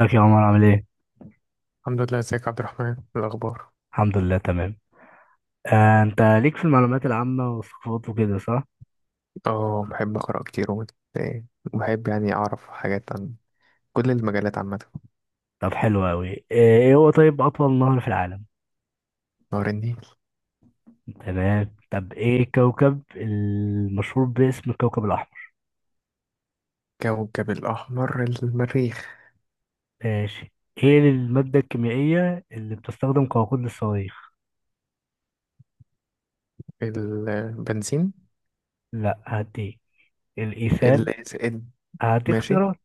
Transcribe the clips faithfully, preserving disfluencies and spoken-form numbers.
ازيك يا عمر؟ عامل ايه؟ الحمد لله. ازيك يا عبد الرحمن؟ إيه الاخبار؟ الحمد لله تمام. آه، انت ليك في المعلومات العامة والثقافات وكده صح؟ اه بحب اقرا كتير ومت- إيه، وبحب يعني اعرف حاجات عن كل المجالات عامه. طب حلو اوي. آه، ايه هو، طيب، اطول نهر في العالم؟ نهر النيل. تمام. طب ايه الكوكب المشهور باسم الكوكب الاحمر؟ كوكب الاحمر المريخ. ماشي. ايه المادة الكيميائية اللي بتستخدم كوقود للصواريخ؟ البنزين. لا، هديك. الايثان. ال ال- هدي ماشي اختيارات: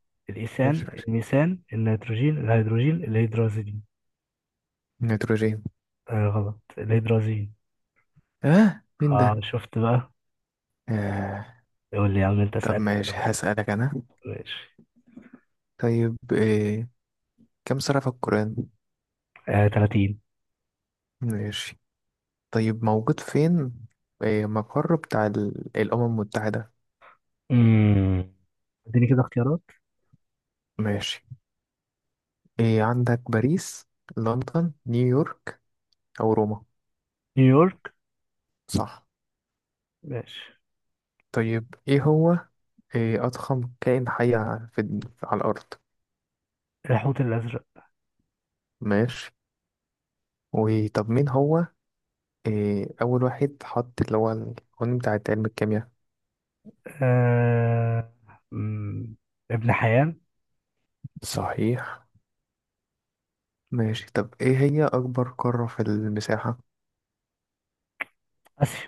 ماشي الايثان، ماشي. الميثان، النيتروجين، الهيدروجين، الهيدرازين. النيتروجين. آه غلط، الهيدرازين. اه مين اه ده؟ شفت بقى. آه. يقول لي يا عم انت، طب اسألني ماشي انت بقى. هسألك انا. ماشي. طيب إيه. كم سورة في القرآن؟ آه، ثلاثين. ماشي. طيب موجود فين؟ إيه، مقر بتاع ال- الأمم المتحدة. امم اديني كده اختيارات. ماشي. إيه عندك باريس لندن نيويورك أو روما؟ نيويورك. صح. ماشي. طيب إيه هو إيه أضخم كائن حي ع- في الد- على الأرض؟ الحوت الازرق. ماشي. وطب مين هو إيه أول واحد حط اللي هو القانون بتاع علم الكيمياء؟ آه... مم، ابن حيان. صحيح. ماشي. طب إيه هي أكبر قارة في المساحة؟ اسيا.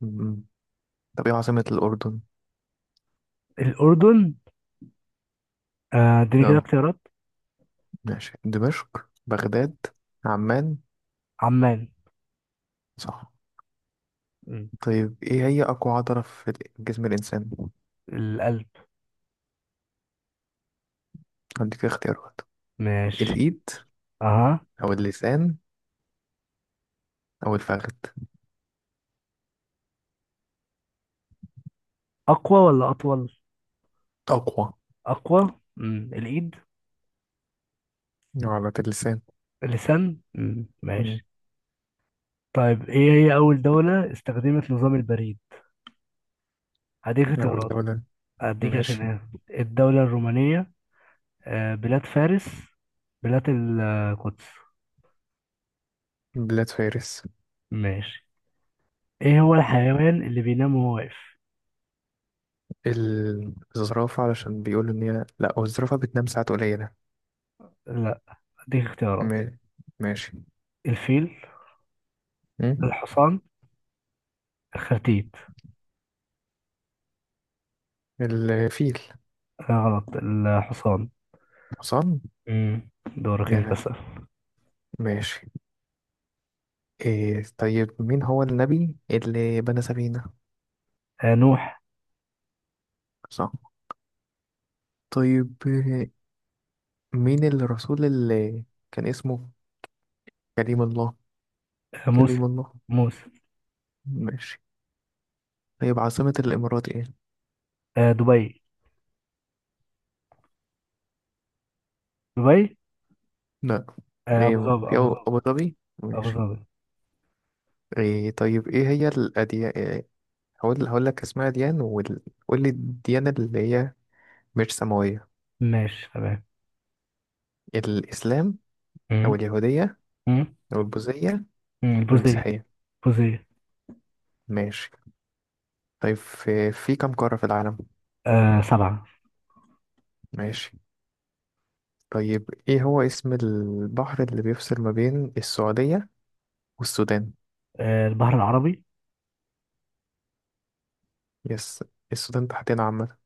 مم. طب إيه عاصمة الأردن؟ الاردن. آه، اديني كده أه اختيارات. ماشي، دمشق بغداد عمان. عمان. صح. مم، طيب إيه هي أقوى عضلة في جسم الإنسان؟ القلب. هديك اختيارات. ماشي. الإيد اها. أو اللسان أو الفخذ. اقوى ولا اطول؟ أقوى. اقوى. مم. الايد. عضلة اللسان. اللسان. مم. مم. ماشي. طيب ايه هي اول دولة استخدمت نظام البريد؟ هديك أو اختيارات، الدولة. اديك عشان. ماشي. ايه، الدولة الرومانية، آه، بلاد فارس، بلاد القدس. بلاد فارس. ماشي. ايه هو الحيوان اللي بينام وهو واقف؟ ال- الزرافة علشان بيقولوا إن هي لأ، هو الزرافة بتنام ساعات قليلة. لا. اديك اختيارات: ما- ماشي. الفيل، مم. الحصان، الخرتيت. الفيل. لا غلط، الحصان. حصان. مم. دورك، انت يا. اسال. ماشي. إيه طيب مين هو النبي اللي بنى سفينة؟ آه نوح. صح. طيب إيه، مين الرسول اللي كان اسمه كريم الله؟ آه موسى. كريم الله. موسى. ماشي. طيب عاصمة الإمارات إيه؟ آه دبي. دبي. لا. آه ابو ايه ظبي، في ابو أبو ظبي. أبو ظبي. ابو ماشي. ظبي. ايه طيب ايه هي الأديان إيه، هقول هقول لك اسماء أديان وقول لي الديانة اللي هي مش سماوية. ماشي، تمام. الإسلام أو مم. اليهودية مم. أو البوذية مم. أو البوزية. المسيحية. بوزية. ماشي. طيب في, في كم قارة في العالم؟ آه سبعة. ماشي. طيب ايه هو اسم البحر اللي بيفصل ما بين السعودية والسودان؟ آه البحر العربي. يس. السودان تحتنا عامة،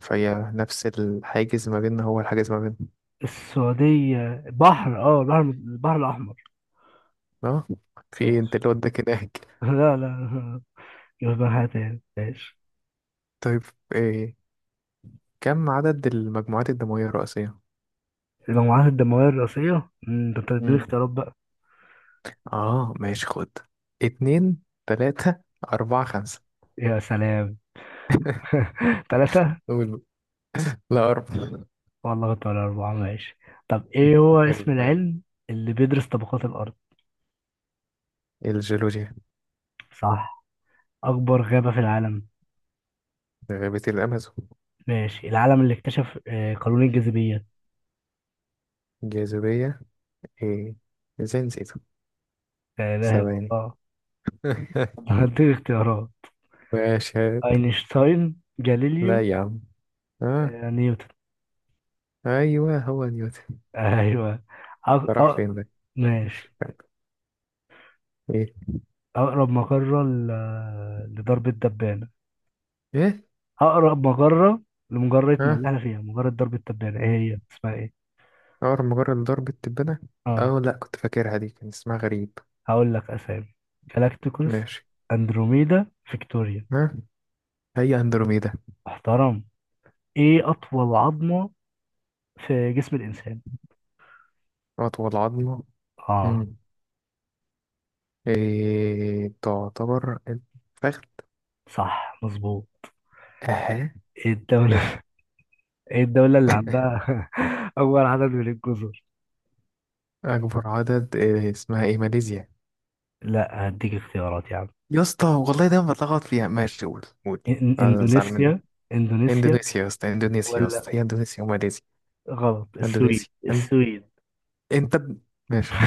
فهي نفس الحاجز ما بيننا، هو الحاجز ما بيننا. السعودية بحر، اه البحر البحر الأحمر. اه في ايه انت ماشي. اللي وداك هناك؟ لا لا، يبقى حاجة تاني. ماشش. طيب إيه كم عدد المجموعات الدموية الرئيسية؟ المجموعات الدموية الرئيسية، مم، ده انت تديني مم. اختيارات بقى. اه ماشي خد، اتنين تلاتة أربعة خمسة. يا سلام. ثلاثة. قول. لا، أربعة. والله كنت، ولا أربعة، ماشي. طب ايه هو حلو اسم حلو. العلم اللي بيدرس طبقات الأرض؟ الجيولوجيا. صح. أكبر غابة في العالم؟ غابة الأمازون. ماشي. العالم اللي اكتشف، آه، قانون الجاذبية. جاذبية إيه، إزاي نسيته؟ آه، ده، ثواني. اه. هديك اختيارات. واشهد. أينشتاين، لا جاليليو، يا عم. آه. آه، نيوتن. أيوه هو نيوتن. أيوه. أق... ده راح أق... فين ده؟ مش ماشي. فاهم إيه. أقرب مقرة ل... لضرب الدبانة. إيه. اقرب مجره لمجرتنا اللي احنا آه. فيها، مجره درب التبانة، ايه هي اسمها ايه؟ أول مجرد ضرب التبانة. اه. أو لأ، كنت فاكرها دي كان اسمها غريب. هقول لك اسامي: جالاكتيكوس، ماشي. اندروميدا، فيكتوريا. ها. هي أندروميدا. محترم. ايه اطول عظمه في جسم الانسان؟ أطول عظمة. اه. مم. إيه تعتبر الفخذ. صح مظبوط. أها. ايه حلو. الدوله ايه الدوله اللي عندها اول عدد من الجزر؟ أكبر عدد إيه اسمها إيه، ماليزيا. لا، هديك اختيارات يا عم. يا اسطى والله دايما بتلخبط فيها. ماشي قول قول. إن- أنا زعلان منك. اندونيسيا. اندونيسيا. إندونيسيا يا اسطى، إندونيسيا يا ولا، اسطى، هي إندونيسيا وماليزيا. غلط، السويد. إندونيسيا إن- السويد. أنت ب- ماشي.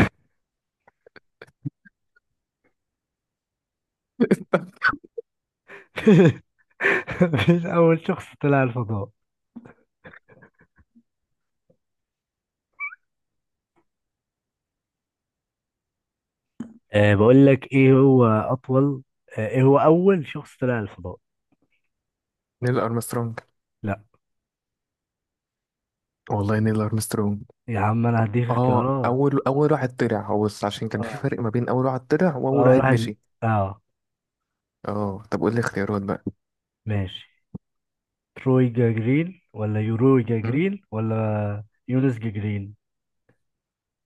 مفيش اول شخص طلع الفضاء. أه بقول لك ايه هو اطول، أه ايه هو اول شخص طلع الفضاء؟ نيل أرمسترونج. لا والله نيل أرمسترونج. يا عم، انا هديك اه، اختيارات. اول اول واحد طلع هو، بس عشان كان في اه فرق ما بين اول واحد طلع واول اول واحد واحد. مشي. اه. اه طب قول لي اختيارات. ماشي. تروي جاجرين، ولا يوروي بقى جاجرين، ولا يونس جاجرين.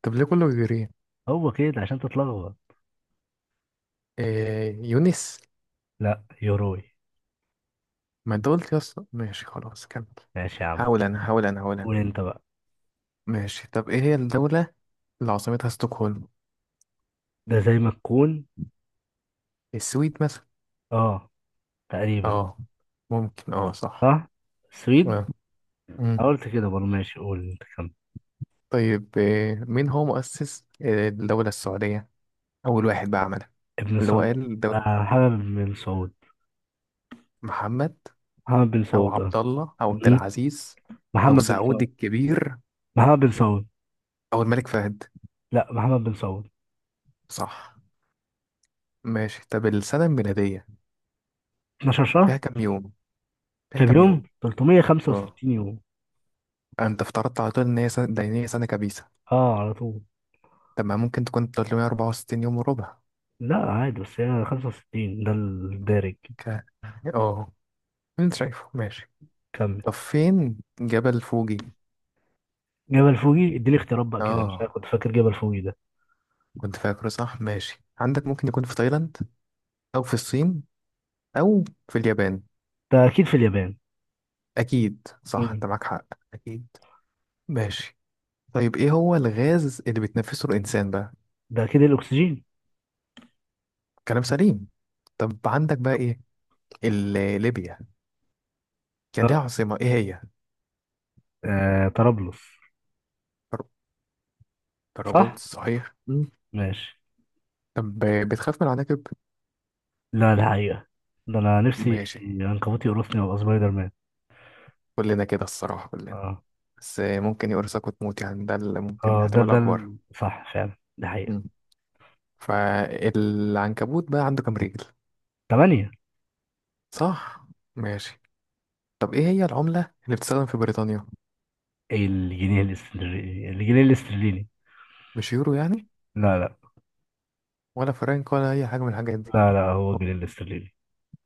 طب ليه كله بيجري؟ هو كده عشان تتلخبط. إيه يونس؟ لا، يوروي. ما انت قلت يا اسطى. ماشي خلاص كمل. ماشي يا عم. هقول انا هقول انا هقول قول انا انت بقى. ماشي طب ايه هي الدولة اللي عاصمتها ستوكهولم؟ ده زي ما تكون. السويد مثلا. اه. تقريبا. اه ممكن، اه صح. صح. سويد. آه. مم. قلت كده برضه. ماشي، قول انت كمل. طيب إيه مين هو مؤسس إيه، الدولة السعودية، اول واحد بقى عملها، ابن اللي هو سعود. قال الدولة؟ آه محمد بن سعود. محمد محمد بن او سعود، اه. عبد الله او عبد م- العزيز او محمد بن سعود سعود. الكبير محمد بن سعود. او الملك فهد. لا، محمد بن سعود. صح. ماشي. طب السنة الميلادية اثنا عشر فيها شهر. كام يوم؟ فيها كام كام يوم؟ يوم؟ اه. ثلاثمية وخمسة وستين يوم. انت افترضت على طول ان هي سنة دينية، سنة كبيسة. اه على طول. طب ما ممكن تكون ثلاثمية وأربعة وستين يوم وربع؟ لا عادي، بس هي خمسة وستين، ده الدارج. ك... اه. انت شايفه. ماشي. كمل. طب فين جبل فوجي؟ جبل فوجي، اديني اختيارات بقى، كده مش اه عارف، كنت فاكر جبل فوجي ده. كنت فاكره صح. ماشي. عندك ممكن يكون في تايلاند او في الصين او في اليابان. ده اكيد في اليابان. اكيد صح، مم. انت معاك حق. اكيد. ماشي. طيب ايه هو الغاز اللي بيتنفسه الانسان بقى؟ ده اكيد الاكسجين. كلام سليم. طب عندك بقى ايه، ال- ليبيا كان ليها اه. عاصمة ايه هي؟ آه، طرابلس. صح. طرابلس صحيح. مم. ماشي. طب بتخاف من العناكب؟ لا الحقيقة، ده انا نفسي ماشي. عنكبوت يقرصني وابقى سبايدر مان. كلنا كده الصراحة كلنا. اه. بس ممكن يقرصك وتموت يعني، ده اللي ممكن اه، ده احتمال ده أكبر. ال- صح فعلا، ده حقيقة. مم. فالعنكبوت بقى عنده كام رجل؟ ثمانية. صح. ماشي. طب إيه هي العملة اللي بتستخدم في بريطانيا؟ الجنيه الاسترليني، الجنيه الاسترليني. مش يورو يعني؟ لا لا. ولا فرنك ولا أي حاجة من الحاجات دي؟ لا لا، هو هو-. جنيه الاسترليني.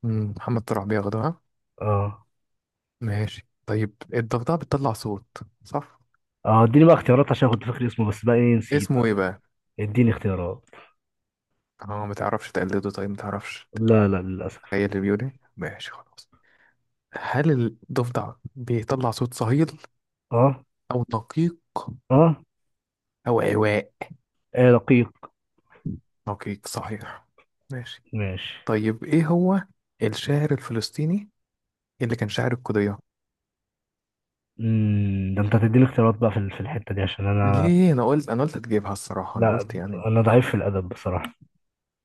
مم، محمد طلع بياخدها. اه. ماشي. طيب الضفدعة بتطلع صوت، صح؟ اه اديني بقى اختيارات عشان كنت فاكر اسمه، بس بقى ايه، نسيت اسمه بقى. إيه بقى؟ اديني اختيارات. اه متعرفش تقلده؟ طيب متعرفش لا لا، للاسف. تخيل البيوني. ماشي خلاص. هل الضفدع بيطلع صوت صهيل اه. أو دقيق اه. أو عواء؟ ايه، رقيق. دقيق صحيح. ماشي. ماشي. طيب إيه هو الشاعر الفلسطيني اللي كان شاعر القضية؟ امم، ده انت هتديني اختيارات بقى في ال- في الحته دي عشان انا، ليه، أنا قلت أنا قلت هتجيبها الصراحة، أنا لا، قلت يعني. انا ضعيف في الادب بصراحه.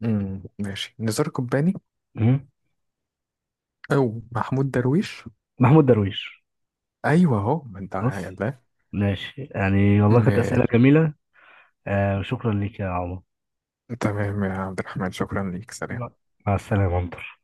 امم ماشي، نزار قباني مم. أو محمود درويش. محمود درويش. أيوه أهو، ما أنت بص، يلا. ماشي يعني، والله كانت اسئله ماشي. جميله. آه شكرا ليك يا عمر. تمام يا عبد الرحمن، شكرا ليك، سلام. مع مع السلامه يا عمر.